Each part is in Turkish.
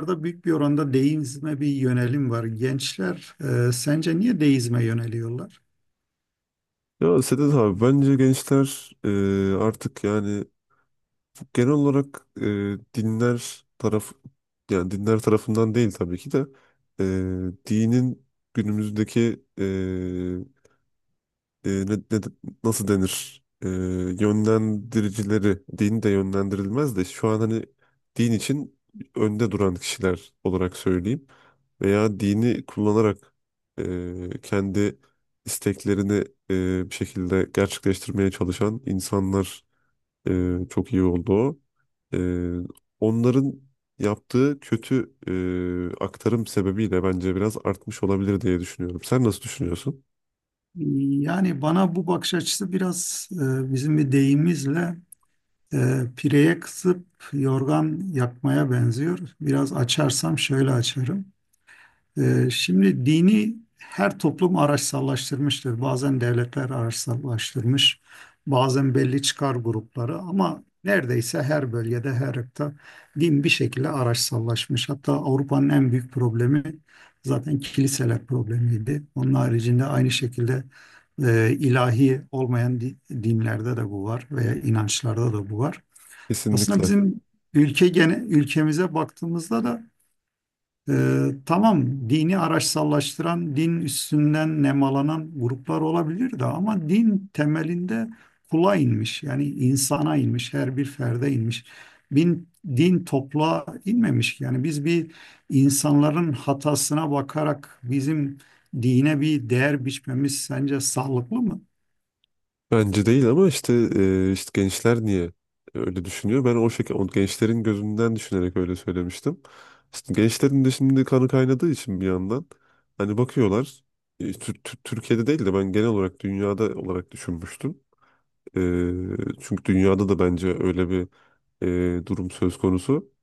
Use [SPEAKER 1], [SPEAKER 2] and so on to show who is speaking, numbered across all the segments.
[SPEAKER 1] Burada büyük bir oranda deizme bir yönelim var. Gençler sence niye deizme yöneliyorlar?
[SPEAKER 2] Ya Sedat abi bence gençler artık genel olarak dinler taraf yani dinler tarafından değil tabii ki de dinin günümüzdeki e, e, ne- ne- nasıl denir. Yönlendiricileri din de yönlendirilmez de şu an hani din için önde duran kişiler olarak söyleyeyim veya dini kullanarak kendi isteklerini bir şekilde gerçekleştirmeye çalışan insanlar çok iyi oldu o. E, Onların yaptığı kötü aktarım sebebiyle bence biraz artmış olabilir diye düşünüyorum. Sen nasıl düşünüyorsun?
[SPEAKER 1] Yani bana bu bakış açısı biraz bizim bir deyimizle pireye kısıp yorgan yakmaya benziyor. Biraz açarsam şöyle açarım. Şimdi dini her toplum araçsallaştırmıştır. Bazen devletler araçsallaştırmış, bazen belli çıkar grupları ama neredeyse her bölgede, her ırkta din bir şekilde araçsallaşmış. Hatta Avrupa'nın en büyük problemi zaten kiliseler problemiydi. Onun haricinde aynı şekilde ilahi olmayan dinlerde de bu var veya inançlarda da bu var. Aslında
[SPEAKER 2] Kesinlikle.
[SPEAKER 1] bizim ülkemize baktığımızda da tamam dini araçsallaştıran, din üstünden nemalanan gruplar olabilir de ama din temelinde kula inmiş. Yani insana inmiş, her bir ferde inmiş. Bin, din topluğa inmemiş ki. Yani biz bir insanların hatasına bakarak bizim dine bir değer biçmemiz sence sağlıklı mı?
[SPEAKER 2] Bence değil ama işte gençler niye öyle düşünüyor? Ben o şekilde o gençlerin gözünden düşünerek öyle söylemiştim. İşte gençlerin de şimdi kanı kaynadığı için bir yandan hani bakıyorlar, Türkiye'de değil de ben genel olarak dünyada olarak düşünmüştüm. E, Çünkü dünyada da bence öyle bir durum söz konusu.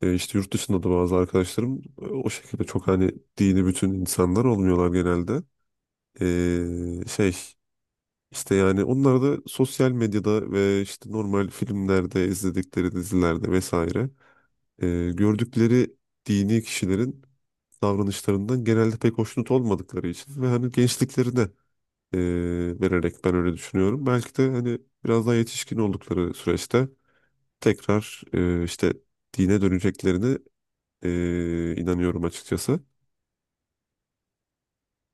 [SPEAKER 2] İşte yurt dışında da bazı arkadaşlarım o şekilde çok hani dini bütün insanlar olmuyorlar genelde. E, şey işte yani onlar da sosyal medyada ve işte normal filmlerde, izledikleri dizilerde vesaire e, gördükleri dini kişilerin davranışlarından genelde pek hoşnut olmadıkları için ve hani gençliklerine e, vererek ben öyle düşünüyorum. Belki de hani biraz daha yetişkin oldukları süreçte tekrar, işte dine döneceklerini inanıyorum açıkçası.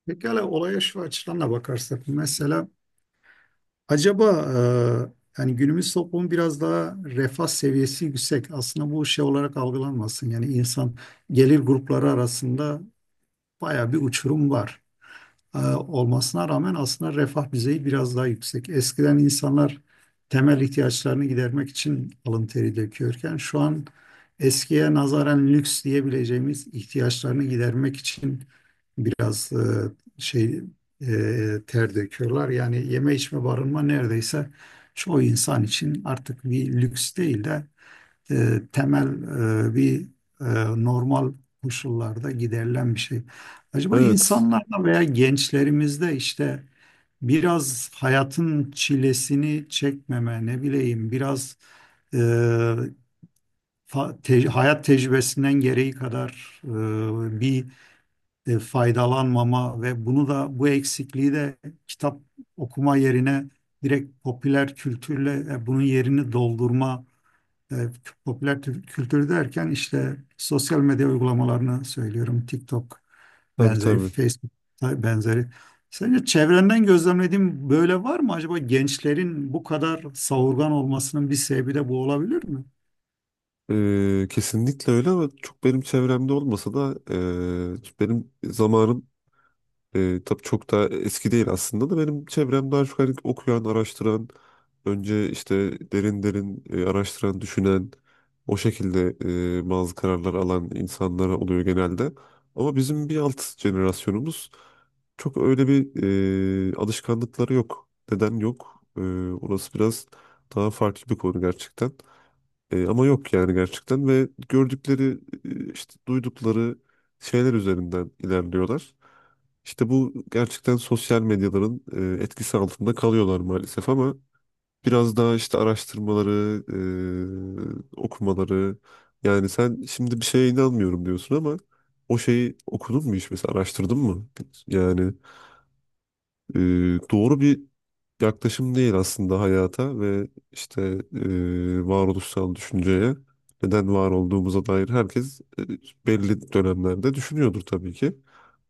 [SPEAKER 1] Pekala olaya şu açıdan da bakarsak. Mesela acaba, yani günümüz toplumu biraz daha refah seviyesi yüksek. Aslında bu şey olarak algılanmasın. Yani insan gelir grupları arasında baya bir uçurum var olmasına rağmen aslında refah düzeyi biraz daha yüksek. Eskiden insanlar temel ihtiyaçlarını gidermek için alın teri döküyorken şu an eskiye nazaran lüks diyebileceğimiz ihtiyaçlarını gidermek için biraz şey ter döküyorlar. Yani yeme içme barınma neredeyse çoğu insan için artık bir lüks değil de temel bir e, normal koşullarda giderilen bir şey. Acaba
[SPEAKER 2] Evet,
[SPEAKER 1] insanlarda veya gençlerimizde işte biraz hayatın çilesini çekmeme, ne bileyim, biraz e, hayat tecrübesinden gereği kadar bir faydalanmama ve bunu da bu eksikliği de kitap okuma yerine direkt popüler kültürle bunun yerini doldurma. e, kültür derken işte sosyal medya uygulamalarını söylüyorum. TikTok
[SPEAKER 2] tabii
[SPEAKER 1] benzeri,
[SPEAKER 2] tabii.
[SPEAKER 1] Facebook benzeri. Sence çevrenden gözlemlediğin böyle var mı? Acaba gençlerin bu kadar savurgan olmasının bir sebebi de bu olabilir mi?
[SPEAKER 2] Kesinlikle öyle ama çok benim çevremde olmasa da benim zamanım. Tabii çok da eski değil aslında da benim çevremde daha çok hani okuyan, araştıran, önce işte derin derin araştıran, düşünen, o şekilde bazı kararlar alan insanlar oluyor genelde. Ama bizim bir alt jenerasyonumuz çok öyle bir alışkanlıkları yok. Neden yok? Orası biraz daha farklı bir konu gerçekten. Ama yok yani gerçekten, ve gördükleri, işte duydukları şeyler üzerinden ilerliyorlar. İşte bu gerçekten sosyal medyaların etkisi altında kalıyorlar maalesef ama biraz daha işte araştırmaları, okumaları. Yani sen şimdi bir şeye inanmıyorum diyorsun ama o şeyi okudun mu hiç mesela, araştırdın mı? Yani e, doğru bir yaklaşım değil aslında hayata ve varoluşsal düşünceye, neden var olduğumuza dair herkes belli dönemlerde düşünüyordur tabii ki.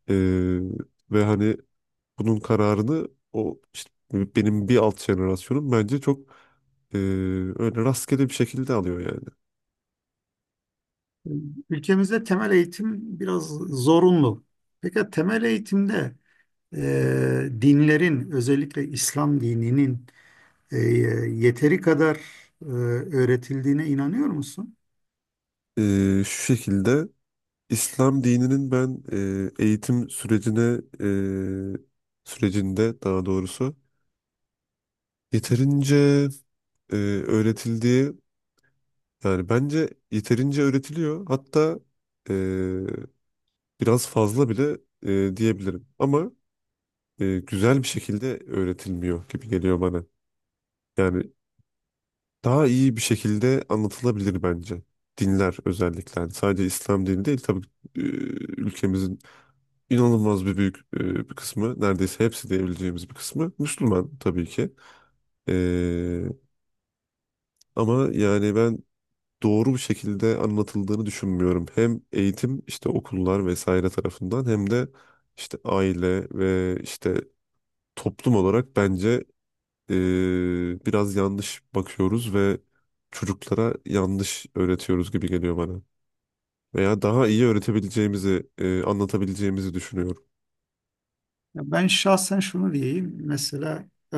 [SPEAKER 2] E, Ve hani bunun kararını o işte benim bir alt jenerasyonum bence çok e, öyle rastgele bir şekilde alıyor yani.
[SPEAKER 1] Ülkemizde temel eğitim biraz zorunlu. Peki temel eğitimde dinlerin özellikle İslam dininin e, yeteri kadar öğretildiğine inanıyor musun?
[SPEAKER 2] Şu şekilde, İslam dininin ben e, eğitim sürecine sürecinde, daha doğrusu, yeterince e, öğretildiği yani bence yeterince öğretiliyor. Hatta biraz fazla bile diyebilirim. Ama güzel bir şekilde öğretilmiyor gibi geliyor bana. Yani daha iyi bir şekilde anlatılabilir bence. Dinler özellikle. Yani sadece İslam dini değil tabii. e, Ülkemizin inanılmaz büyük bir kısmı, neredeyse hepsi diyebileceğimiz bir kısmı Müslüman tabii ki. E, Ama yani ben doğru bir şekilde anlatıldığını düşünmüyorum. Hem eğitim, işte okullar vesaire tarafından, hem de işte aile ve işte toplum olarak bence biraz yanlış bakıyoruz ve çocuklara yanlış öğretiyoruz gibi geliyor bana. Veya daha iyi öğretebileceğimizi, anlatabileceğimizi düşünüyorum.
[SPEAKER 1] Ya ben şahsen şunu diyeyim. Mesela e,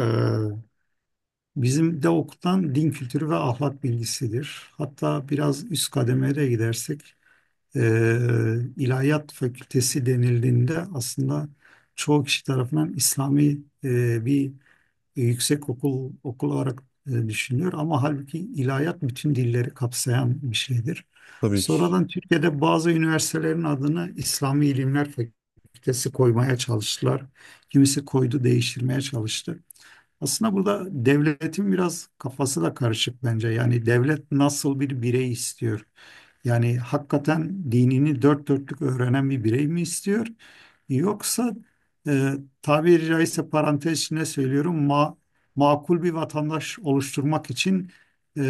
[SPEAKER 1] bizim de okutan din kültürü ve ahlak bilgisidir. Hatta biraz üst kademeye gidersek ilahiyat fakültesi denildiğinde aslında çoğu kişi tarafından İslami bir yüksek okul olarak düşünülüyor ama halbuki ilahiyat bütün dilleri kapsayan bir şeydir.
[SPEAKER 2] Tabii ki.
[SPEAKER 1] Sonradan Türkiye'de bazı üniversitelerin adını İslami İlimler Fakültesi koymaya çalıştılar. Kimisi koydu, değiştirmeye çalıştı. Aslında burada devletin biraz kafası da karışık bence. Yani devlet nasıl bir birey istiyor? Yani hakikaten dinini dört dörtlük öğrenen bir birey mi istiyor? Yoksa, e, tabiri caizse parantez içinde söylüyorum, ma makul bir vatandaş oluşturmak için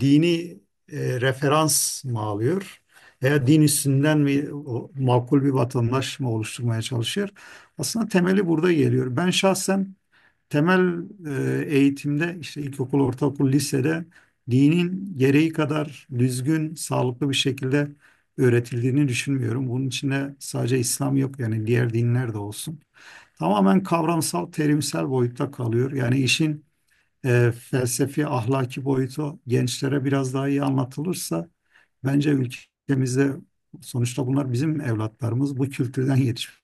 [SPEAKER 1] dini referans mı alıyor? Veya din üstünden mi o makul bir vatandaş mı oluşturmaya çalışıyor? Aslında temeli burada geliyor. Ben şahsen temel eğitimde, işte ilkokul, ortaokul, lisede dinin gereği kadar düzgün, sağlıklı bir şekilde öğretildiğini düşünmüyorum. Bunun içinde sadece İslam yok, yani diğer dinler de olsun. Tamamen kavramsal, terimsel boyutta kalıyor. Yani işin felsefi ahlaki boyutu gençlere biraz daha iyi anlatılırsa bence ülkemizde, sonuçta bunlar bizim evlatlarımız, bu kültürden yetişmiş,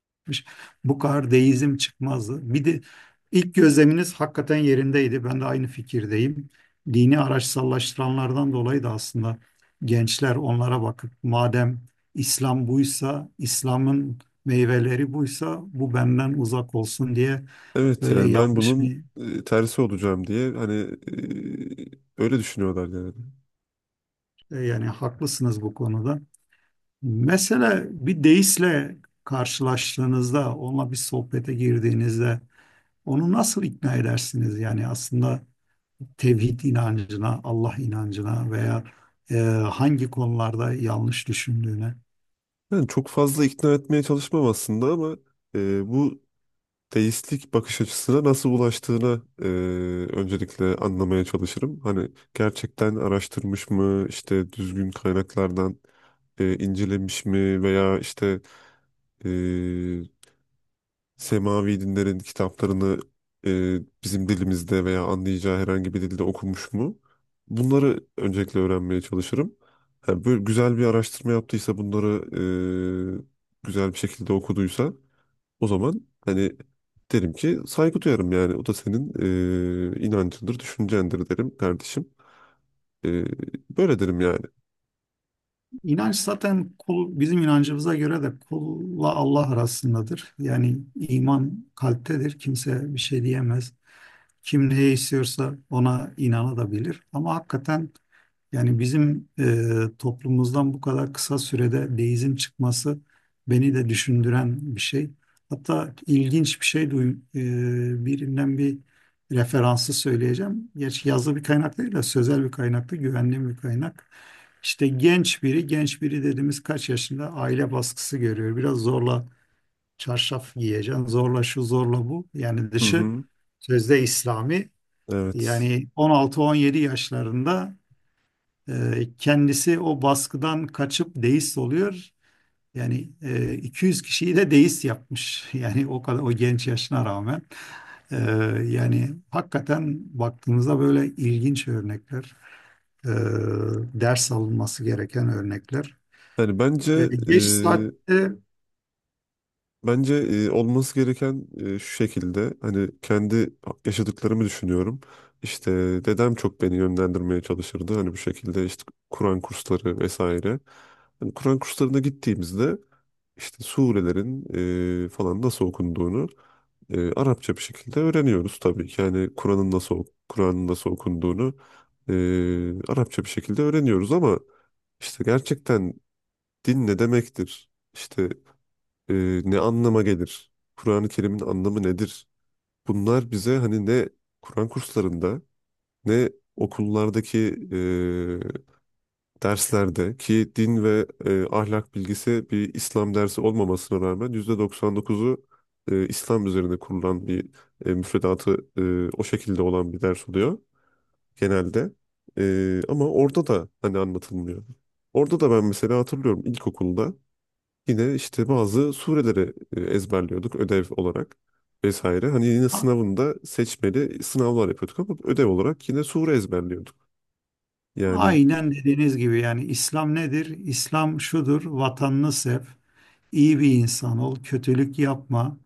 [SPEAKER 1] bu kadar deizm çıkmazdı. Bir de ilk gözleminiz hakikaten yerindeydi. Ben de aynı fikirdeyim. Dini araçsallaştıranlardan dolayı da aslında gençler onlara bakıp madem İslam buysa, İslam'ın meyveleri buysa bu benden uzak olsun diye
[SPEAKER 2] Evet,
[SPEAKER 1] böyle
[SPEAKER 2] yani ben
[SPEAKER 1] yanlış
[SPEAKER 2] bunun
[SPEAKER 1] bir...
[SPEAKER 2] tersi olacağım diye hani e, öyle düşünüyorlar yani.
[SPEAKER 1] Yani haklısınız bu konuda. Mesela bir deistle karşılaştığınızda, onunla bir sohbete girdiğinizde onu nasıl ikna edersiniz? Yani aslında tevhid inancına, Allah inancına veya e, hangi konularda yanlış düşündüğüne.
[SPEAKER 2] Yani çok fazla ikna etmeye çalışmam aslında ama bu deistlik bakış açısına nasıl ulaştığını öncelikle anlamaya çalışırım. Hani gerçekten araştırmış mı, işte düzgün kaynaklardan incelemiş mi, veya e, semavi dinlerin kitaplarını bizim dilimizde veya anlayacağı herhangi bir dilde okumuş mu? Bunları öncelikle öğrenmeye çalışırım. Ha, böyle güzel bir araştırma yaptıysa, bunları güzel bir şekilde okuduysa, o zaman hani derim ki saygı duyarım yani. O da senin inancındır, düşüncendir derim kardeşim. E, Böyle derim yani.
[SPEAKER 1] İnanç zaten kul, bizim inancımıza göre de kulla Allah arasındadır. Yani iman kalptedir. Kimse bir şey diyemez. Kim ne istiyorsa ona inanabilir. Ama hakikaten, yani bizim toplumumuzdan bu kadar kısa sürede deizm çıkması beni de düşündüren bir şey. Hatta ilginç bir şey duyum, birinden bir referansı söyleyeceğim. Gerçi yazılı bir kaynak değil de sözel bir kaynaktı, güvenli bir kaynak. İşte genç biri, genç biri dediğimiz kaç yaşında aile baskısı görüyor. Biraz zorla çarşaf giyeceksin, zorla şu, zorla bu. Yani
[SPEAKER 2] Hı
[SPEAKER 1] dışı
[SPEAKER 2] hı.
[SPEAKER 1] sözde İslami.
[SPEAKER 2] Evet.
[SPEAKER 1] Yani 16-17 yaşlarında kendisi o baskıdan kaçıp deist oluyor. Yani 200 kişiyi de deist yapmış. Yani o kadar, o genç yaşına rağmen. E, Yani hakikaten baktığımızda böyle ilginç örnekler. E, Ders alınması gereken örnekler.
[SPEAKER 2] Yani
[SPEAKER 1] E,
[SPEAKER 2] bence e,
[SPEAKER 1] geç saatte
[SPEAKER 2] bence olması gereken şu şekilde. Hani kendi yaşadıklarımı düşünüyorum. İşte dedem çok beni yönlendirmeye çalışırdı. Hani bu şekilde, işte Kur'an kursları vesaire. Hani Kur'an kurslarına gittiğimizde işte surelerin falan nasıl okunduğunu Arapça bir şekilde öğreniyoruz tabii ki. Yani Kur'an'ın nasıl okunduğunu e, Arapça bir şekilde öğreniyoruz ama işte gerçekten din ne demektir? İşte e, ne anlama gelir? Kur'an-ı Kerim'in anlamı nedir? Bunlar bize hani ne Kur'an kurslarında, ne okullardaki e, derslerde, ki din ve ahlak bilgisi bir İslam dersi olmamasına rağmen %99'u İslam üzerine kurulan bir müfredatı o şekilde olan bir ders oluyor genelde. Ama orada da hani anlatılmıyor. Orada da ben mesela hatırlıyorum, ilkokulda yine işte bazı sureleri ezberliyorduk ödev olarak vesaire. Hani yine
[SPEAKER 1] a-
[SPEAKER 2] sınavında seçmeli sınavlar yapıyorduk ama ödev olarak yine sure ezberliyorduk. Yani
[SPEAKER 1] aynen dediğiniz gibi, yani İslam nedir? İslam şudur, vatanını sev, iyi bir insan ol, kötülük yapma.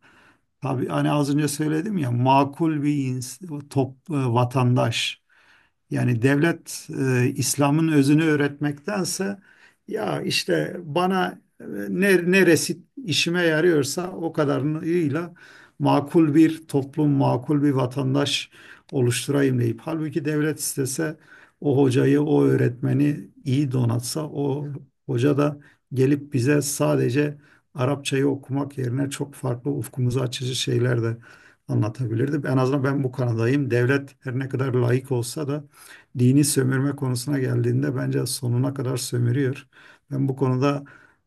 [SPEAKER 1] Tabii hani az önce söyledim ya, makul bir vatandaş. Yani devlet İslam'ın özünü öğretmektense ya işte bana neresi işime yarıyorsa o kadarıyla makul bir toplum, makul bir vatandaş oluşturayım deyip, halbuki devlet istese o hocayı, o öğretmeni iyi donatsa o hoca da gelip bize sadece Arapçayı okumak yerine çok farklı, ufkumuzu açıcı şeyler de anlatabilirdi. En azından ben bu kanadayım. Devlet her ne kadar laik olsa da dini sömürme konusuna geldiğinde bence sonuna kadar sömürüyor. Ben bu konuda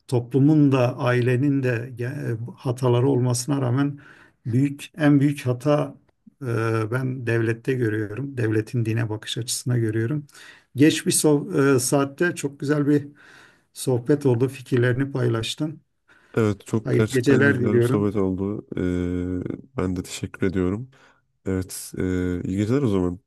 [SPEAKER 1] toplumun da ailenin de hataları olmasına rağmen en büyük hata e, ben devlette görüyorum. Devletin dine bakış açısına görüyorum. Geç bir so- e, saatte çok güzel bir sohbet oldu. Fikirlerini paylaştın.
[SPEAKER 2] evet, çok
[SPEAKER 1] Hayırlı
[SPEAKER 2] gerçekten
[SPEAKER 1] geceler
[SPEAKER 2] güzel bir
[SPEAKER 1] diliyorum.
[SPEAKER 2] sohbet oldu. Ben de teşekkür ediyorum. Evet, iyi geceler o zaman.